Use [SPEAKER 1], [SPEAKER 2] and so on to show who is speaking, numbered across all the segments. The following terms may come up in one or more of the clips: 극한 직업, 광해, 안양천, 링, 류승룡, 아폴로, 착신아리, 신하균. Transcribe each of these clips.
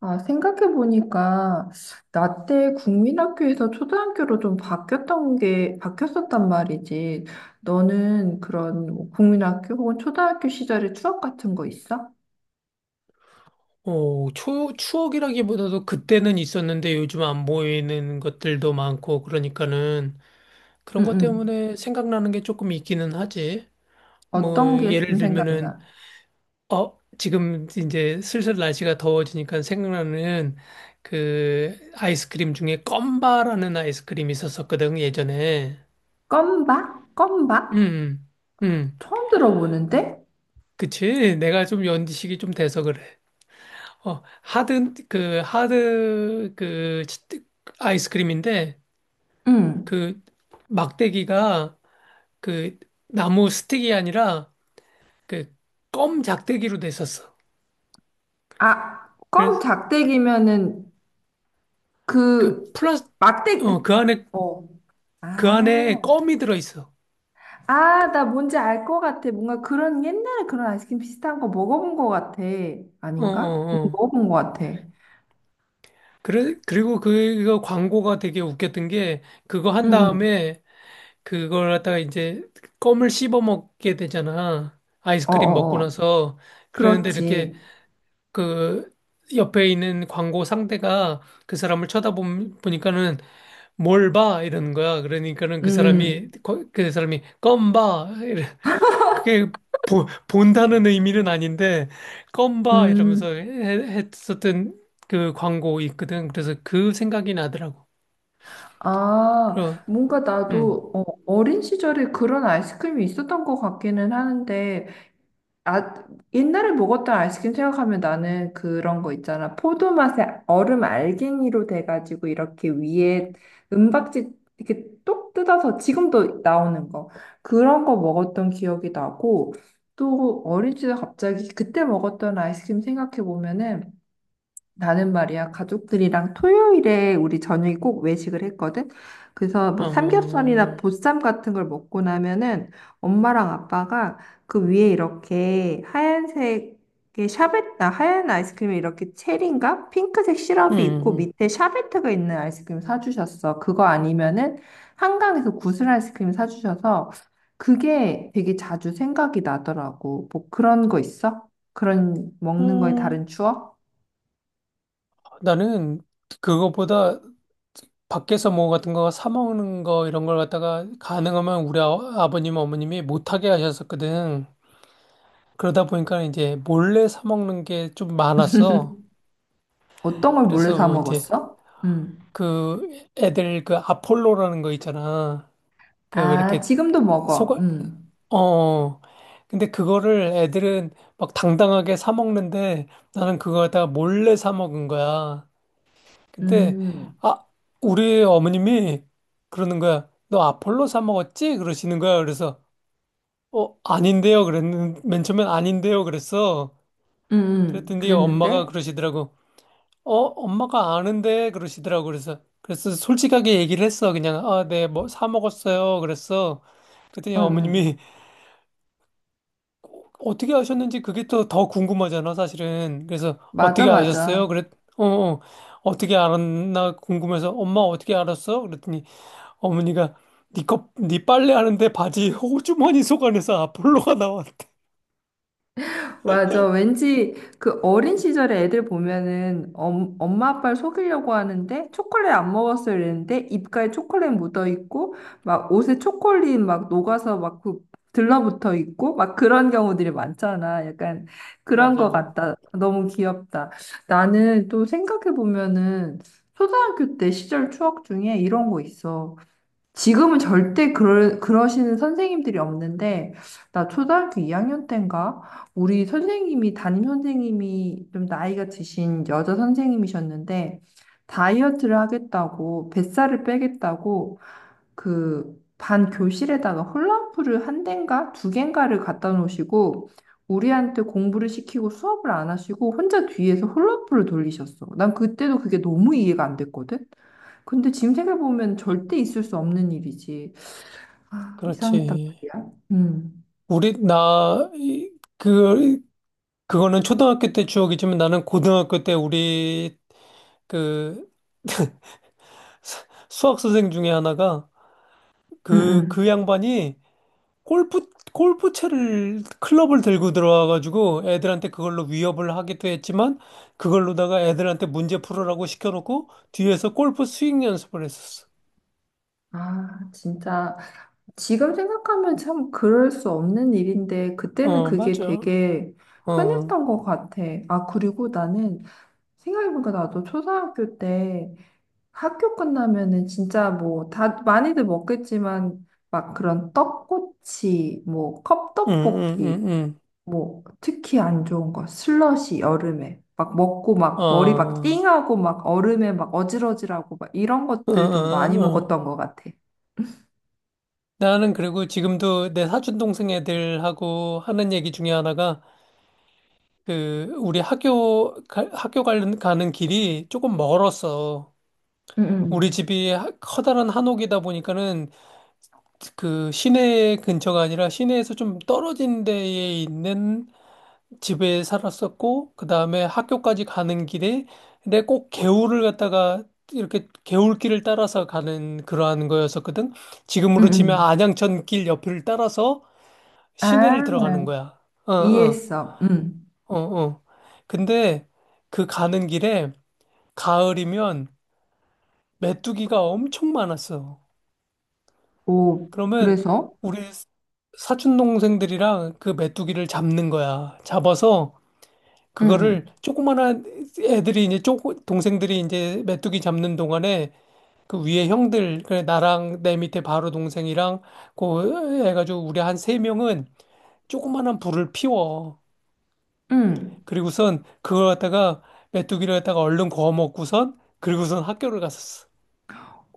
[SPEAKER 1] 아, 생각해보니까, 나 때 국민학교에서 초등학교로 좀 바뀌었던 게, 바뀌었었단 말이지. 너는 그런 뭐 국민학교 혹은 초등학교 시절의 추억 같은 거 있어?
[SPEAKER 2] 추억이라기보다도 그때는 있었는데 요즘 안 보이는 것들도 많고 그러니까는 그런
[SPEAKER 1] 응,
[SPEAKER 2] 것
[SPEAKER 1] 응.
[SPEAKER 2] 때문에 생각나는 게 조금 있기는 하지. 뭐
[SPEAKER 1] 어떤 게 좀
[SPEAKER 2] 예를 들면은
[SPEAKER 1] 생각나?
[SPEAKER 2] 지금 이제 슬슬 날씨가 더워지니까 생각나는 그 아이스크림 중에 껌바라는 아이스크림이 있었었거든 예전에.
[SPEAKER 1] 껌박?
[SPEAKER 2] 음. 음. 음.
[SPEAKER 1] 처음 들어보는데?
[SPEAKER 2] 그치? 내가 좀 연식이 좀 돼서 그래. 하드 그 아이스크림인데
[SPEAKER 1] 응.
[SPEAKER 2] 그 막대기가 그 나무 스틱이 아니라 그 껌 작대기로 됐었어.
[SPEAKER 1] 아, 껌
[SPEAKER 2] 그래서
[SPEAKER 1] 작대기면은
[SPEAKER 2] 그
[SPEAKER 1] 그
[SPEAKER 2] 플라스
[SPEAKER 1] 막대,
[SPEAKER 2] 어 그 안에
[SPEAKER 1] 어.
[SPEAKER 2] 그
[SPEAKER 1] 아.
[SPEAKER 2] 안에 껌이 들어있어.
[SPEAKER 1] 아, 나 뭔지 알 것 같아. 뭔가 그런 옛날에 그런 아이스크림 비슷한 거 먹어본 것 같아.
[SPEAKER 2] 어
[SPEAKER 1] 아닌가? 응,
[SPEAKER 2] 어, 어.
[SPEAKER 1] 먹어본 것 같아. 응,
[SPEAKER 2] 그래 그리고 그거 광고가 되게 웃겼던 게 그거 한
[SPEAKER 1] 응.
[SPEAKER 2] 다음에 그걸 갖다가 이제 껌을 씹어 먹게 되잖아. 아이스크림 먹고
[SPEAKER 1] 어어어.
[SPEAKER 2] 나서 그러는데 이렇게
[SPEAKER 1] 그렇지.
[SPEAKER 2] 그 옆에 있는 광고 상대가 그 사람을 쳐다보니까는 뭘 봐? 이러는 거야. 그러니까는
[SPEAKER 1] 음,
[SPEAKER 2] 그 사람이, 껌 봐. 이래. 그게 본다는 의미는 아닌데, 껌 봐.
[SPEAKER 1] 음.
[SPEAKER 2] 이러면서 했었던 그 광고 있거든. 그래서 그 생각이 나더라고.
[SPEAKER 1] 아,
[SPEAKER 2] 그럼.
[SPEAKER 1] 뭔가
[SPEAKER 2] 음,
[SPEAKER 1] 나도 어린 시절에 그런 아이스크림이 있었던 것 같기는 하는데, 아, 옛날에 먹었던 아이스크림 생각하면 나는 그런 거 있잖아. 포도 맛에 얼음 알갱이로 돼가지고 이렇게 위에 은박지 이렇게 똑 뜯어서 지금도 나오는 거. 그런 거 먹었던 기억이 나고 또 어린 시절 갑자기 그때 먹었던 아이스크림 생각해 보면은 나는 말이야, 가족들이랑 토요일에 우리 저녁에 꼭 외식을 했거든. 그래서 뭐 삼겹살이나
[SPEAKER 2] 어,
[SPEAKER 1] 보쌈 같은 걸 먹고 나면은 엄마랑 아빠가 그 위에 이렇게 하얀색의 샤베트, 아, 하얀 아이스크림에 이렇게 체리인가? 핑크색 시럽이 있고
[SPEAKER 2] 음,
[SPEAKER 1] 밑에 샤베트가 있는 아이스크림 사주셨어. 그거 아니면은 한강에서 구슬 아이스크림 사주셔서 그게 되게 자주 생각이 나더라고. 뭐 그런 거 있어? 그런 먹는 거에 다른
[SPEAKER 2] 음,
[SPEAKER 1] 추억?
[SPEAKER 2] 나는 그거보다 밖에서 뭐 같은 거 사 먹는 거 이런 걸 갖다가 가능하면 우리 아버님, 어머님이 못하게 하셨었거든. 그러다 보니까 이제 몰래 사 먹는 게 좀 많았어.
[SPEAKER 1] 어떤 걸 몰래
[SPEAKER 2] 그래서
[SPEAKER 1] 사
[SPEAKER 2] 뭐 이제
[SPEAKER 1] 먹었어? 음.
[SPEAKER 2] 그 애들 그 아폴로라는 거 있잖아. 그 왜
[SPEAKER 1] 아,
[SPEAKER 2] 이렇게
[SPEAKER 1] 지금도 먹어.
[SPEAKER 2] 속아
[SPEAKER 1] 음.
[SPEAKER 2] 어. 근데 그거를 애들은 막 당당하게 사 먹는데 나는 그걸 다 몰래 사 먹은 거야. 근데
[SPEAKER 1] 음.
[SPEAKER 2] 아, 우리 어머님이 그러는 거야. 너 아폴로 사 먹었지? 그러시는 거야. 그래서 아닌데요. 그랬는 맨 처음엔 아닌데요. 그랬어. 그랬더니 엄마가
[SPEAKER 1] 그랬는데?
[SPEAKER 2] 그러시더라고. 엄마가 아는데 그러시더라고. 그래서 솔직하게 얘기를 했어. 그냥 아, 네, 뭐 사 먹었어요. 그랬어. 그랬더니
[SPEAKER 1] 응, 응.
[SPEAKER 2] 어머님이 어떻게 아셨는지 그게 또 더 궁금하잖아, 사실은. 그래서
[SPEAKER 1] 맞아,
[SPEAKER 2] 어떻게 아셨어요?
[SPEAKER 1] 맞아.
[SPEAKER 2] 그랬 어, 어. 어떻게 알았나 궁금해서 엄마 어떻게 알았어? 그랬더니 어머니가 네 빨래 하는데 바지 호주머니 속 안에서 아폴로가 나왔대.
[SPEAKER 1] 맞아. 왠지 그 어린 시절에 애들 보면은 엄마 아빠를 속이려고 하는데 초콜릿 안 먹었어요 이랬는데 입가에 초콜릿 묻어 있고 막 옷에 초콜릿 막 녹아서 막 그 들러붙어 있고 막 그런 경우들이 많잖아. 약간 그런 거
[SPEAKER 2] 맞아.
[SPEAKER 1] 같다. 너무 귀엽다. 나는 또 생각해 보면은 초등학교 때 시절 추억 중에 이런 거 있어. 지금은 절대 그러시는 선생님들이 없는데, 나 초등학교 2학년 때인가? 우리 선생님이, 담임 선생님이 좀 나이가 드신 여자 선생님이셨는데, 다이어트를 하겠다고, 뱃살을 빼겠다고, 그, 반 교실에다가 홀라후프를 한 대인가? 두 개인가를 갖다 놓으시고, 우리한테 공부를 시키고 수업을 안 하시고, 혼자 뒤에서 홀라후프를 돌리셨어. 난 그때도 그게 너무 이해가 안 됐거든? 근데 지금 생각해보면 절대 있을 수 없는 일이지. 아, 이상했단
[SPEAKER 2] 그렇지.
[SPEAKER 1] 말이야.
[SPEAKER 2] 우리, 나, 이- 그, 그거는 초등학교 때 추억이지만 나는 고등학교 때 우리 그 수학 선생 중에 하나가
[SPEAKER 1] 음,
[SPEAKER 2] 그
[SPEAKER 1] 음.
[SPEAKER 2] 양반이 골프채를, 클럽을 들고 들어와가지고 애들한테 그걸로 위협을 하기도 했지만 그걸로다가 애들한테 문제 풀으라고 시켜놓고 뒤에서 골프 스윙 연습을 했었어.
[SPEAKER 1] 아, 진짜. 지금 생각하면 참 그럴 수 없는 일인데, 그때는
[SPEAKER 2] 어,
[SPEAKER 1] 그게
[SPEAKER 2] 맞아.
[SPEAKER 1] 되게
[SPEAKER 2] 어, 응,
[SPEAKER 1] 흔했던 것 같아. 아, 그리고 나는 생각해보니까 나도 초등학교 때 학교 끝나면은 진짜 뭐, 다, 많이들 먹겠지만, 막 그런 떡꼬치, 뭐,
[SPEAKER 2] 응,
[SPEAKER 1] 컵떡볶이,
[SPEAKER 2] 응,
[SPEAKER 1] 뭐 특히 안 좋은 거 슬러시 여름에 막 먹고
[SPEAKER 2] 응.
[SPEAKER 1] 막 머리 막
[SPEAKER 2] 어,
[SPEAKER 1] 띵하고 막 얼음에 막 어질어질하고 막 이런
[SPEAKER 2] 응, 응,
[SPEAKER 1] 것들 좀 많이
[SPEAKER 2] 응. 응.
[SPEAKER 1] 먹었던 것 같아.
[SPEAKER 2] 나는 그리고 지금도 내 사촌 동생 애들하고 하는 얘기 중에 하나가 그 우리 학교 가는 길이 조금 멀었어. 우리
[SPEAKER 1] 응,
[SPEAKER 2] 집이 커다란 한옥이다 보니까는 그 시내 근처가 아니라 시내에서 좀 떨어진 데에 있는 집에 살았었고 그다음에 학교까지 가는 길에 근데 꼭 개울을 갖다가 이렇게 개울길을 따라서 가는 그러한 거였었거든.
[SPEAKER 1] 응,
[SPEAKER 2] 지금으로 치면
[SPEAKER 1] 응.
[SPEAKER 2] 안양천 길 옆을 따라서 시내를
[SPEAKER 1] 아,
[SPEAKER 2] 들어가는 거야. 어, 어,
[SPEAKER 1] 이해했어. 응
[SPEAKER 2] 어, 어. 근데 그 가는 길에 가을이면 메뚜기가 엄청 많았어.
[SPEAKER 1] 오,
[SPEAKER 2] 그러면
[SPEAKER 1] 그래서?
[SPEAKER 2] 우리 사촌 동생들이랑 그 메뚜기를 잡는 거야. 잡아서
[SPEAKER 1] 응응
[SPEAKER 2] 그거를 조그만한 애들이 이제 쪼 동생들이 이제 메뚜기 잡는 동안에 그 위에 형들 그래 나랑 내 밑에 바로 동생이랑 그 해가지고 우리 한 세 명은 조그만한 불을 피워.
[SPEAKER 1] 응
[SPEAKER 2] 그리고선 그걸 갖다가 메뚜기를 갖다가 얼른 구워 먹고선 그리고선 학교를 갔었어.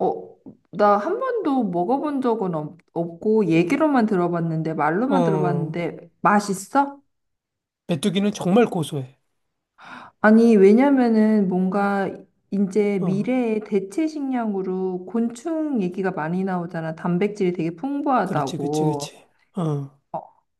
[SPEAKER 1] 어, 나 한 번도 먹어본 적은 없고 얘기로만 들어봤는데 말로만
[SPEAKER 2] 어,
[SPEAKER 1] 들어봤는데 맛있어?
[SPEAKER 2] 메뚜기는 정말 고소해.
[SPEAKER 1] 아니, 왜냐면은 뭔가 이제
[SPEAKER 2] 어,
[SPEAKER 1] 미래의 대체 식량으로 곤충 얘기가 많이 나오잖아. 단백질이 되게
[SPEAKER 2] 그렇지, 그렇지,
[SPEAKER 1] 풍부하다고.
[SPEAKER 2] 그렇지. 어,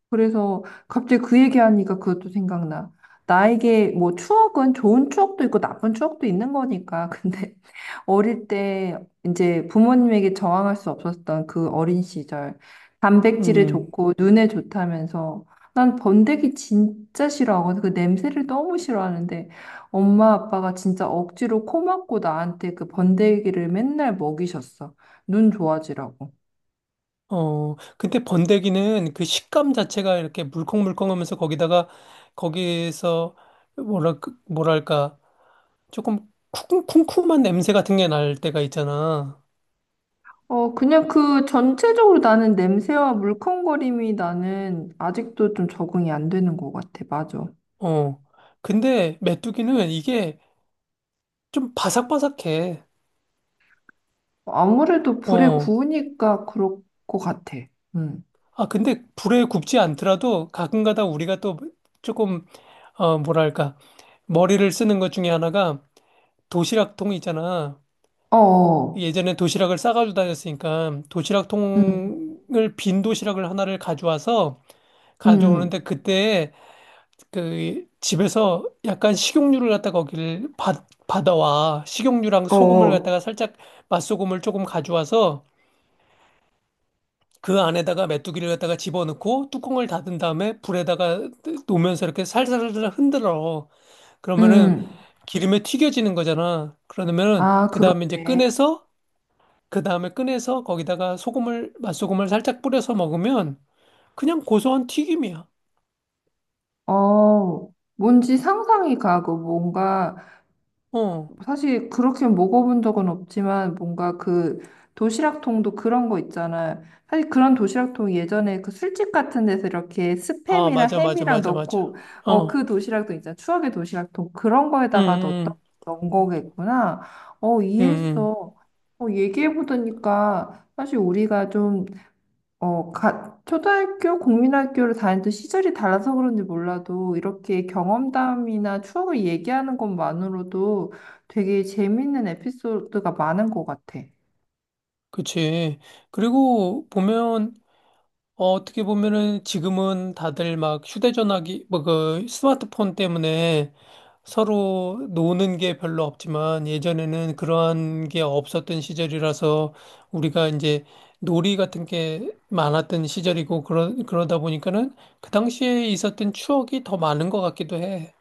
[SPEAKER 1] 그래서 갑자기 그 얘기하니까 그것도 생각나. 나에게 뭐 추억은 좋은 추억도 있고 나쁜 추억도 있는 거니까. 근데 어릴 때 이제 부모님에게 저항할 수 없었던 그 어린 시절. 단백질에
[SPEAKER 2] 음,
[SPEAKER 1] 좋고 눈에 좋다면서 난 번데기 진짜 싫어하거든. 그 냄새를 너무 싫어하는데 엄마 아빠가 진짜 억지로 코 막고 나한테 그 번데기를 맨날 먹이셨어. 눈 좋아지라고.
[SPEAKER 2] 근데 번데기는 그 식감 자체가 이렇게 물컹물컹하면서 거기다가 거기에서 뭐랄 뭐랄까 조금 쿰쿰한 냄새 같은 게 날 때가 있잖아.
[SPEAKER 1] 어, 그냥 그 전체적으로 나는 냄새와 물컹거림이 나는 아직도 좀 적응이 안 되는 것 같아. 맞아.
[SPEAKER 2] 어, 근데 메뚜기는 이게 좀 바삭바삭해.
[SPEAKER 1] 아무래도 불에
[SPEAKER 2] 어,
[SPEAKER 1] 구우니까 그럴 것 같아. 응.
[SPEAKER 2] 아 근데 불에 굽지 않더라도 가끔가다 우리가 또 조금 뭐랄까 머리를 쓰는 것 중에 하나가 도시락통 있잖아.
[SPEAKER 1] 어, 어.
[SPEAKER 2] 예전에 도시락을 싸가지고 다녔으니까 도시락
[SPEAKER 1] 응,
[SPEAKER 2] 통을 빈 도시락을 하나를 가져와서
[SPEAKER 1] 응,
[SPEAKER 2] 가져오는데 그때 그 집에서 약간 식용유를 갖다가 거기를 받아와 식용유랑 소금을
[SPEAKER 1] 어,
[SPEAKER 2] 갖다가 살짝 맛소금을 조금 가져와서 그 안에다가 메뚜기를 갖다가 집어넣고 뚜껑을 닫은 다음에 불에다가 놓으면서 이렇게 살살살 흔들어 그러면은
[SPEAKER 1] 응.
[SPEAKER 2] 기름에 튀겨지는 거잖아 그러면은
[SPEAKER 1] 아,
[SPEAKER 2] 그 다음에 이제
[SPEAKER 1] 그렇네.
[SPEAKER 2] 꺼내서 그 다음에 꺼내서 거기다가 맛소금을 살짝 뿌려서 먹으면 그냥 고소한 튀김이야.
[SPEAKER 1] 어, 뭔지 상상이 가고 뭔가
[SPEAKER 2] 어.
[SPEAKER 1] 사실 그렇게 먹어본 적은 없지만 뭔가 그 도시락통도 그런 거 있잖아요. 사실 그런 도시락통 예전에 그 술집 같은 데서 이렇게
[SPEAKER 2] 아,
[SPEAKER 1] 스팸이랑
[SPEAKER 2] 맞아, 맞아,
[SPEAKER 1] 햄이랑
[SPEAKER 2] 맞아,
[SPEAKER 1] 넣고
[SPEAKER 2] 맞아.
[SPEAKER 1] 어
[SPEAKER 2] 어.
[SPEAKER 1] 그 도시락도 있잖아. 추억의 도시락통 그런
[SPEAKER 2] 음,
[SPEAKER 1] 거에다가 넣었던
[SPEAKER 2] 음,
[SPEAKER 1] 넣은 거겠구나. 어
[SPEAKER 2] 음, 음.
[SPEAKER 1] 이해했어. 어 얘기해 보니까 사실 우리가 좀 초등학교, 국민학교를 다니던 시절이 달라서 그런지 몰라도 이렇게 경험담이나 추억을 얘기하는 것만으로도 되게 재밌는 에피소드가 많은 것 같아.
[SPEAKER 2] 그치. 그리고 보면 어떻게 보면은 지금은 다들 막 휴대전화기, 뭐 그 스마트폰 때문에 서로 노는 게 별로 없지만 예전에는 그러한 게 없었던 시절이라서 우리가 이제 놀이 같은 게 많았던 시절이고 그러다 보니까는 그 당시에 있었던 추억이 더 많은 것 같기도 해.